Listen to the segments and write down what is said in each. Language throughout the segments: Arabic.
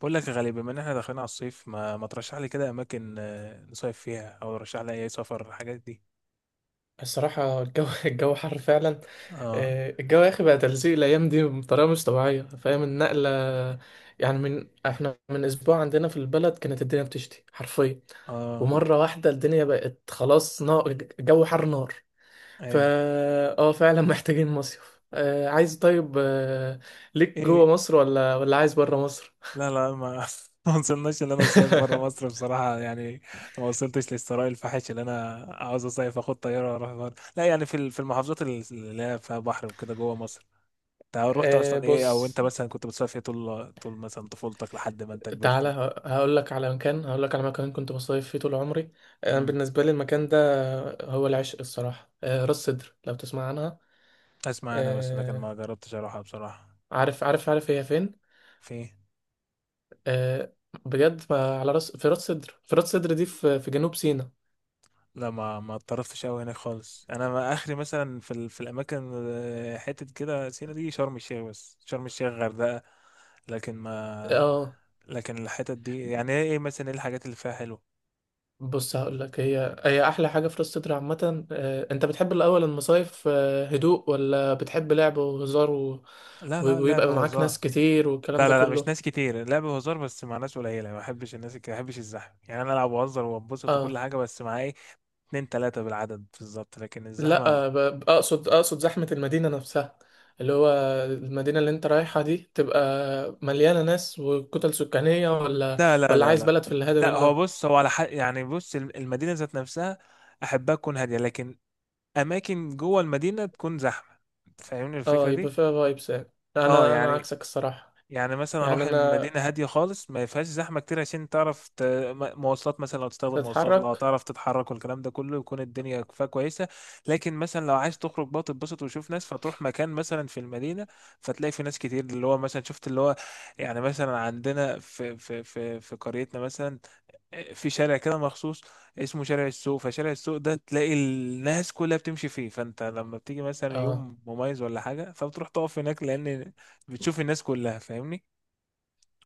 بقول لك يا غالي، بما ان احنا داخلين على الصيف، ما ترشح لي كده اماكن، نصيف فيها، او رشح لي اي سفر، الحاجات دي. الصراحة، الجو الجو حر فعلا. اه. الجو يا أخي بقى تلزيق الأيام دي بطريقة مش طبيعية. فاهم النقلة؟ يعني من احنا من أسبوع عندنا في البلد كانت الدنيا بتشتي حرفيا، اه. ومرة واحدة الدنيا بقت خلاص نار. الجو حر نار. فا ايوه. اه فعلا. محتاجين مصيف، عايز طيب، ليك جوه ايه. مصر ولا عايز بره مصر؟ لا لا، ما ما وصلناش ان انا اصيف بره مصر بصراحه، يعني ما وصلتش للثراء الفاحش اللي انا عاوز اصيف اخد طياره واروح بره. لا يعني في المحافظات اللي هي فيها بحر وكده جوه مصر. انت رحت اصلا ايه؟ او بص، انت مثلا كنت بتصيف إيه طول مثلا طفولتك لحد ما انت تعالى كبرت؟ هقول لك على مكان كنت بصيف فيه طول عمري. انا امم. بالنسبه لي المكان ده هو العشق الصراحه. راس سدر، لو تسمع عنها. اسمع انا، بس لكن آه، ما جربتش اروحها بصراحه. عارف عارف عارف هي فين. في. آه، بجد، ما على راس في راس سدر، دي في جنوب سيناء. لا ما اتطرفتش قوي هناك خالص. انا ما اخري مثلا في الاماكن، حتت كده سينا دي، شرم الشيخ، بس شرم الشيخ، غردقة. لكن ما. اه لكن الحتت دي يعني ايه مثلا؟ ايه الحاجات اللي فيها حلوه؟ بص، هقول لك هي هي احلى حاجه في راس سدر عامه. انت بتحب الاول المصايف، هدوء، ولا بتحب لعب وهزار و... لا لا، لعب ويبقى معاك ناس وهزار. كتير والكلام لا ده لا لا، مش كله. ناس كتير، لعب وهزار بس مع ناس قليله. ما بحبش الناس كده، ما بحبش الزحمه يعني. انا العب وهزر وانبسط وكل اه حاجه، بس مع ايه، اتنين تلاته بالعدد بالظبط، لكن الزحمه. لا، اقصد زحمة المدينة نفسها، اللي هو المدينة اللي انت رايحها دي تبقى مليانة ناس وكتل سكانية، ولا لا لا لا عايز لا. بلد في الهادي لا هو منه. بص، هو على حق يعني. بص، المدينه ذات نفسها احبها تكون هاديه، لكن اماكن جوه المدينه تكون زحمه. فاهمني الفكره اه، يبقى دي؟ فيها فايبس يعني. اه انا يعني. عكسك الصراحة، يعني مثلا يعني اروح انا المدينه هاديه خالص، ما فيهاش زحمه كتير، عشان تعرف مواصلات، مثلا لو تستخدم مواصلات، لو بتحرك. تعرف تتحرك، والكلام ده كله يكون الدنيا فيها كويسه. لكن مثلا لو عايز تخرج بقى تتبسط وتشوف ناس، فتروح مكان مثلا في المدينه فتلاقي في ناس كتير، اللي هو مثلا شفت اللي هو. يعني مثلا عندنا في قريتنا مثلا، في شارع كده مخصوص اسمه شارع السوق. فشارع السوق ده تلاقي الناس كلها بتمشي فيه، فانت لما بتيجي مثلا اه يوم مميز ولا حاجه، فبتروح تقف هناك لان بتشوف الناس كلها. فاهمني؟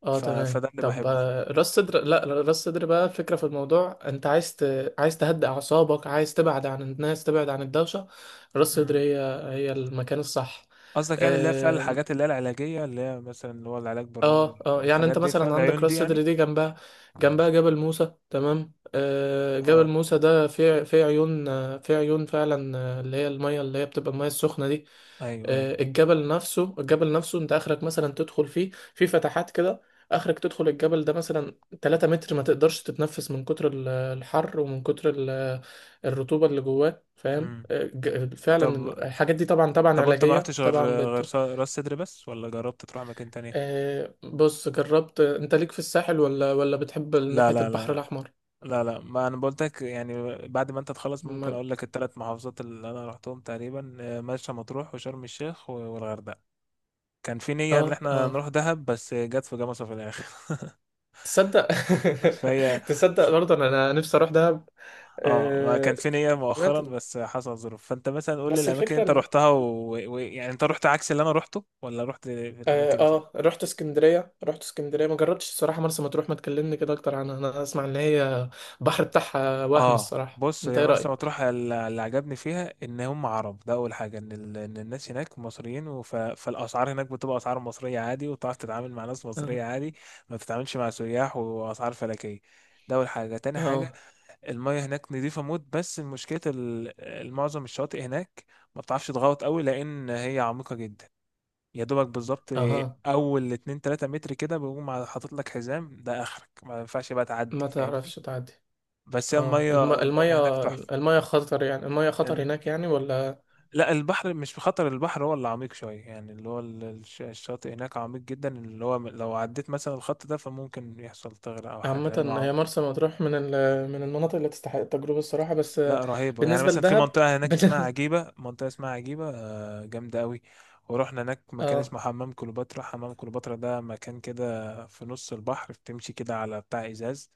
اه، تمام. فده اللي طب، بحبه فيه. راس صدر، لا، راس صدر بقى، الفكرة في الموضوع انت عايز عايز تهدئ اعصابك، عايز تبعد عن الناس، تبعد عن الدوشة. راس صدر مم. هي هي المكان الصح. قصدك يعني اللي هي فعلا الحاجات اللي هي العلاجية، اللي هي مثلا اللي هو العلاج بالرمل اه اه، يعني والحاجات انت دي، فعلا مثلا عندك العيون راس دي سدر يعني؟ دي، جنبها جبل موسى، تمام. آه، جبل اه. موسى ده فيه فيه عيون، فيه عيون فعلا، اللي هي المية، اللي هي بتبقى المية السخنة دي. ايوه آه، ايوه. الجبل نفسه الجبل نفسه، انت اخرك مثلا تدخل فيه في فتحات كده، اخرك تدخل الجبل ده مثلا 3 متر، ما تقدرش تتنفس من كتر الحر ومن كتر الرطوبة اللي جواه، فاهم؟ مم. آه، فعلا. طب الحاجات دي طبعا طبعا طب انت ما علاجية رحتش غير طبعا. راس صدر بس، ولا جربت تروح مكان تاني؟ بص، جربت؟ انت ليك في الساحل، ولا بتحب لا ناحية لا البحر لا الأحمر؟ لا لا، ما انا بقولتك يعني بعد ما انت تخلص ممكن ما... اقول لك. الثلاث محافظات اللي انا رحتهم تقريبا، مرسى مطروح، وشرم الشيخ، والغردقة. كان في نية ان اه اه، احنا نروح دهب بس جت في جمصة في الاخر. تصدق؟ فهي. تصدق برضه انا نفسي اروح دهب. اه ما كان آه في نية مؤخرا سمعت إن- بس حصل ظروف. فانت مثلا قول لي بس الاماكن اللي الفكرة انت ان رحتها و... و... يعني انت رحت عكس اللي انا رحته، ولا رحت في الاماكن دي؟ رحت اسكندرية، ما جربتش الصراحة مرسى مطروح. ما تكلمني كده اكتر عنها؟ انا اسمع ان هي البحر بتاعها وهم اه، الصراحة، بص. انت هي ايه مرسى رأيك؟ مطروح اللي عجبني فيها ان هم عرب. ده اول حاجه، إن الناس هناك مصريين فالاسعار هناك بتبقى اسعار مصريه عادي، وتعرف تتعامل مع ناس اه مصريه عادي، ما بتتعاملش مع سياح واسعار فلكيه. ده اول حاجه. تاني حاجه، اه المية هناك نظيفة موت، بس المشكلة معظم الشواطئ هناك ما بتعرفش تغوط قوي لأن هي عميقة جدا. يا دوبك بالظبط اه، أول اتنين تلاتة متر كده بيقوم حاطط لك حزام، ده آخرك ما ينفعش بقى تعدي. ما فاهمني؟ تعرفش تعدي. بس هي اه، المية هناك تحفة. المية خطر، يعني المية خطر إن- هناك يعني، ولا؟ لا البحر مش بخطر، البحر هو اللي عميق شوية يعني، اللي هو الشاطئ هناك عميق جدا، اللي هو لو عديت مثلا الخط ده فممكن يحصل تغرق أو حاجة، عامة لأنه هي مرسى مطروح من من المناطق اللي تستحق التجربة الصراحة، بس لا، رهيبة يعني. بالنسبة مثلا في لدهب، منطقة هناك اسمها بالنسبة. عجيبة، منطقة اسمها عجيبة، جامدة قوي. ورحنا هناك مكان اه اسمه حمام كليوباترا. حمام كليوباترا ده مكان كده في نص البحر، بتمشي كده على بتاع إزاز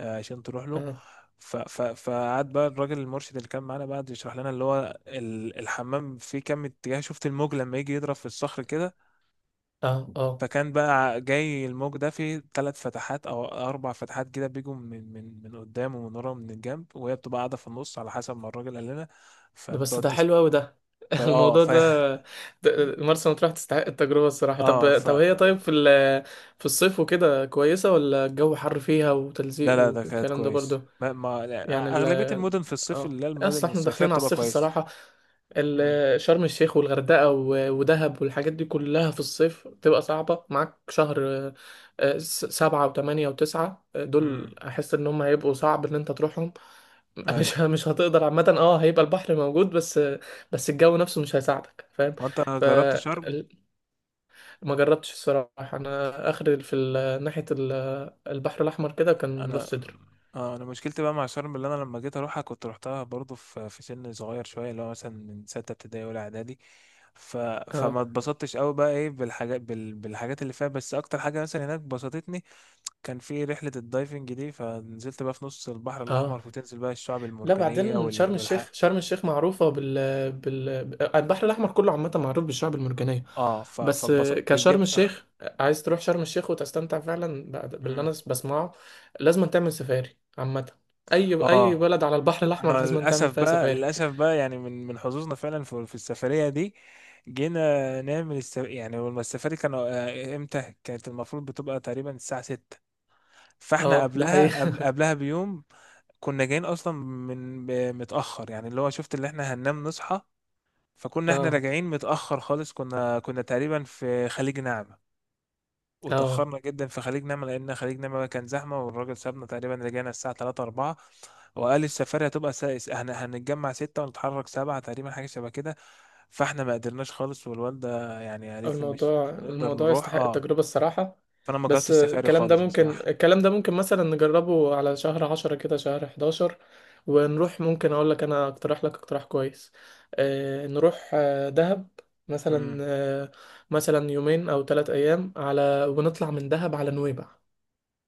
عشان تروح له. اه فقعد بقى الراجل المرشد اللي كان معانا بقى يشرح لنا اللي هو الحمام فيه كام اتجاه. شفت الموج لما يجي يضرب في الصخر كده؟ اه اه، فكان بقى جاي الموج ده في 3 فتحات او 4 فتحات كده، بيجوا من قدام ومن ورا ومن الجنب، وهي بتبقى قاعده في النص على حسب ما الراجل قال لنا. ده بس فبتقعد ده تست... حلو أوي ده. فا اه. الموضوع ده، مرسى مطروح تستحق التجربة الصراحة. اه. طب طب هي، طيب في في الصيف وكده كويسة، ولا الجو حر فيها لا وتلزيق لا، ده كانت والكلام ده كويس. برضه؟ ما... ما يعني لا، ال اغلبيه المدن في الصيف اه اللي هي اصل المدن احنا الصيفيه داخلين على بتبقى الصيف كويس. الصراحة. امم. شرم الشيخ والغردقة ودهب والحاجات دي كلها في الصيف بتبقى صعبة معاك. شهر 7 و8 و9، امم. دول أحس إن هم هيبقوا صعب إن أنت تروحهم. ايوه. مش هتقدر عامة. اه، هيبقى البحر موجود، بس الجو نفسه مش هيساعدك، فاهم؟ وانت جربت فما شرم؟ جربتش الصراحة، أنا آخر في ناحية البحر الأحمر كده كان انا، راس سدر. اه انا مشكلتي بقى مع شرم، اللي انا لما جيت اروحها كنت روحتها برضو في سن صغير شويه، اللي هو مثلا من سته ابتدائي ولا اعدادي. ف... فما اه اتبسطتش قوي بقى ايه بالحاجات، بالحاجات اللي فيها، بس اكتر حاجه مثلا هناك بسطتني كان في رحله الدايفنج دي. فنزلت بقى في نص البحر اه، الاحمر فتنزل بقى الشعب لا، المرجانيه بعدين شرم الشيخ، معروفة البحر الأحمر كله عامة معروف بالشعب المرجانية، اه، بس فاتبسطت دي كشرم اكتر حاجة. الشيخ، عايز تروح شرم الشيخ وتستمتع فعلا باللي مم. أنا بسمعه، لازم تعمل سفاري عامة. أي اه، بلد على البحر الأحمر انا لازم تعمل للاسف فيها بقى، سفاري. للاسف بقى يعني من حظوظنا فعلا في السفريه دي، جينا نعمل يعني لما السفاري كانوا، امتى كانت؟ المفروض بتبقى تقريبا الساعه 6. فاحنا اه، ده حقيقي. قبلها قبل قبلها بيوم كنا جايين اصلا من متاخر، يعني اللي هو شفت اللي احنا هننام نصحى. فكنا احنا اه راجعين متاخر خالص، كنا تقريبا في خليج نعمه، اه، وتأخرنا جدا في خليج نعمة لأن خليج نعمة كان زحمة، والراجل سابنا تقريبا رجعنا الساعة 3 4. وقال السفاري هتبقى سائس، احنا هنتجمع 6 ونتحرك 7 تقريبا، حاجة شبه كده. فاحنا ما قدرناش خالص، والوالدة يعني قالت لي مش مش هنقدر الموضوع نروح. يستحق اه، التجربة الصراحة. فأنا ما جربتش بس السفاري خالص بصراحة. الكلام ده ممكن مثلا نجربه على شهر 10 كده، شهر 11. ونروح، ممكن أقول لك، أنا أقترح لك اقتراح كويس. آه، نروح دهب مثلا، امم. آه يومين أو 3 أيام على، ونطلع من دهب على نويبع.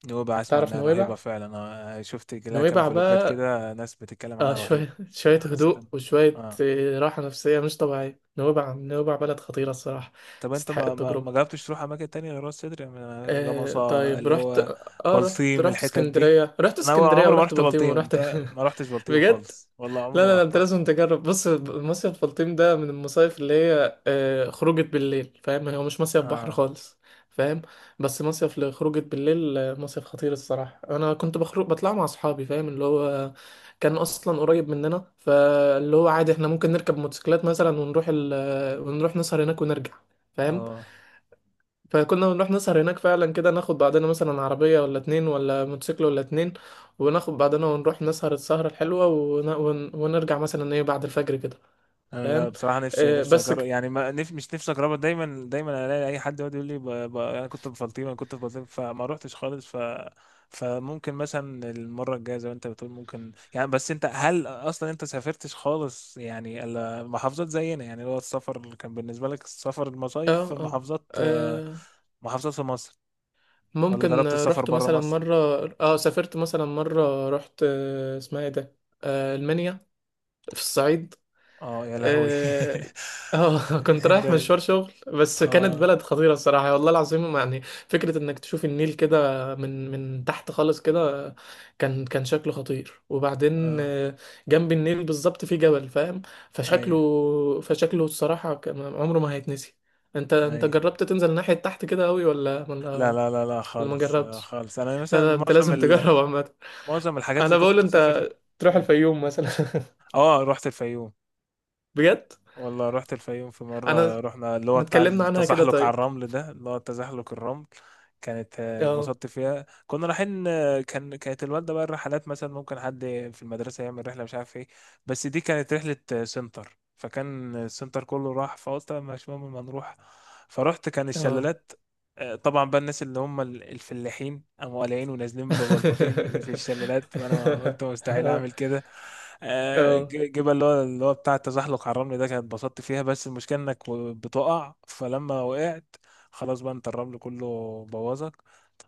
نوبة أسمع تعرف إنها رهيبة نويبع؟ فعلا، أنا شفت لها كام نويبع فلوجات بقى، كده ناس بتتكلم آه، عنها رهيبة. شوية شوية حسيت أنا- هدوء وشوية اه. راحة نفسية مش طبيعية. نويبع نويبع بلد خطيرة الصراحة، طب انت تستحق ما التجربة. جربتش تروح اماكن تانية غير راس سدر، يعني جمصة طيب، اللي رحت. هو؟ بلطيم رحت الحتت دي، اسكندرية، انا هو عمري ما ورحت رحت بلطيم بلطيم. ورحت. انت ما رحتش بلطيم بجد. خالص؟ والله لا عمري لا ما لا، انت رحتها. لازم تجرب. بص، مصيف بلطيم ده من المصايف اللي هي خروجة بالليل، فاهم؟ هو مش مصيف بحر اه خالص، فاهم؟ بس مصيف لخروجة بالليل، مصيف خطير الصراحة. انا كنت بخرج، بطلع مع اصحابي، فاهم؟ اللي هو كان اصلا قريب مننا، فاللي هو عادي احنا ممكن نركب موتوسيكلات مثلا ونروح ال... آه، ونروح نسهر هناك ونرجع، فاهم؟ اه. فكنا بنروح نسهر هناك فعلا كده، ناخد بعدنا مثلا عربية ولا اتنين ولا موتوسيكل ولا اتنين، وناخد بعدنا ونروح نسهر السهرة الحلوة ونرجع مثلا ايه بعد الفجر كده، انا لا فاهم؟ بصراحه، نفسي نفسي بس اجرب يعني، ما نف... مش نفسي اجربها. دايما دايما الاقي اي حد يقعد يقول لي انا كنت بفلطيم، انا كنت بفلطيم، فما روحتش خالص. فممكن مثلا المره الجايه زي ما انت بتقول، ممكن يعني. بس انت هل اصلا انت سافرتش خالص يعني الا محافظات زينا يعني؟ اللي هو السفر اللي كان بالنسبه لك السفر اه المصايف في اه. محافظات، آه، محافظات في مصر، ولا ممكن جربت السفر رحت بره مثلا مصر؟ مرة. اه سافرت مثلا مرة رحت، اسمها ايه ده، المنيا في الصعيد. اه يا لهوي. اه، كنت رايح ده. مشوار شغل، بس كانت اه. بلد خطيرة الصراحة والله العظيم. يعني فكرة انك تشوف النيل كده من تحت خالص كده، كان شكله خطير. وبعدين اه. جنب النيل بالظبط في جبل، فاهم؟ ايوه فشكله فشكله الصراحة، عمره ما هيتنسي. انت ايوه. جربت تنزل ناحية تحت كده قوي، لا لا لا لا ولا ما خالص، جربتش؟ خالص. انا لا مثلا لا، انت معظم لازم تجرب عامة. معظم الحاجات اللي انا كنت بقول بسافر انت تروح قول. الفيوم مثلا. اه رحت الفيوم، بجد. والله رحت الفيوم في انا مرة. رحنا اللي هو ما بتاع اتكلمنا عنها كده، التزحلق على طيب. الرمل ده، اللي هو تزحلق الرمل. كانت، اه اتبسطت فيها. كنا رايحين، كانت الوالدة بقى، الرحلات مثلا ممكن حد في المدرسة يعمل رحلة مش عارف ايه، بس دي كانت رحلة، سنتر، فكان السنتر كله راح فقلت مش مهم، ما نروح. فرحت كان اه. الشلالات، طبعا بقى الناس اللي هم الفلاحين قاموا قالعين ونازلين ببلبطين في الشلالات، فانا ما قلت مستحيل اعمل كده. اه جبل اللي هو بتاع التزحلق على الرمل ده كانت اتبسطت فيها، بس المشكله انك بتقع، فلما وقعت خلاص بقى انت الرمل كله بوظك.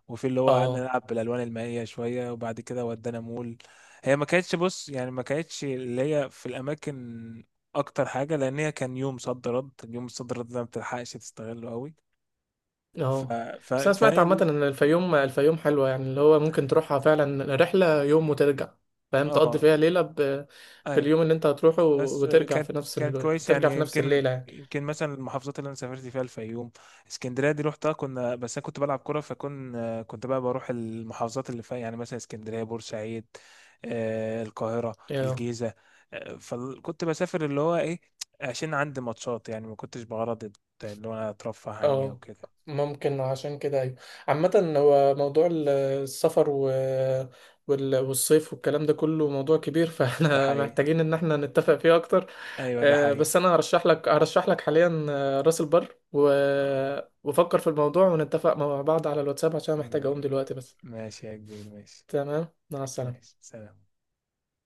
وفي اللي هو قعدنا اه نلعب بالالوان المائيه شويه، وبعد كده ودانا مول. هي ما كانتش، بص يعني، ما كانتش اللي هي في الاماكن اكتر حاجه، لان هي كان يوم صد رد، اليوم الصد رد ده ما بتلحقش تستغله قوي. ف... اه. بس انا سمعت فهي. عامة ان الفيوم حلوة يعني، اللي هو ممكن تروحها فعلا رحلة يوم وترجع، فاهم؟ تقضي اه. فيها ليلة ايوه. باليوم اللي انت هتروحه بس، وترجع كانت في نفس كانت كويس يعني. يمكن الليلة يعني. يمكن مثلا المحافظات اللي انا سافرت فيها الفيوم، اسكندريه دي روحتها كنا، بس انا كنت بلعب كوره. كنت بقى بروح المحافظات اللي فيها يعني مثلا اسكندريه، بورسعيد، القاهره، اه الجيزه، فكنت بسافر اللي هو ايه؟ عشان عندي ماتشات يعني، ما كنتش بغرض اللي هو انا اترفه عني او اه، كده. ممكن عشان كده. ايوه، عامة هو موضوع السفر والصيف والكلام ده كله موضوع كبير، ده فاحنا حقيقي. محتاجين ان احنا نتفق فيه اكتر. ايوه ده حقيقي. بس انا هرشح لك حاليا، راس البر، آه. وفكر في الموضوع ونتفق مع بعض على الواتساب عشان محتاج اقوم م- دلوقتي بس. ماشي يا كبير، ماشي. تمام، مع السلامة. ماشي، سلام.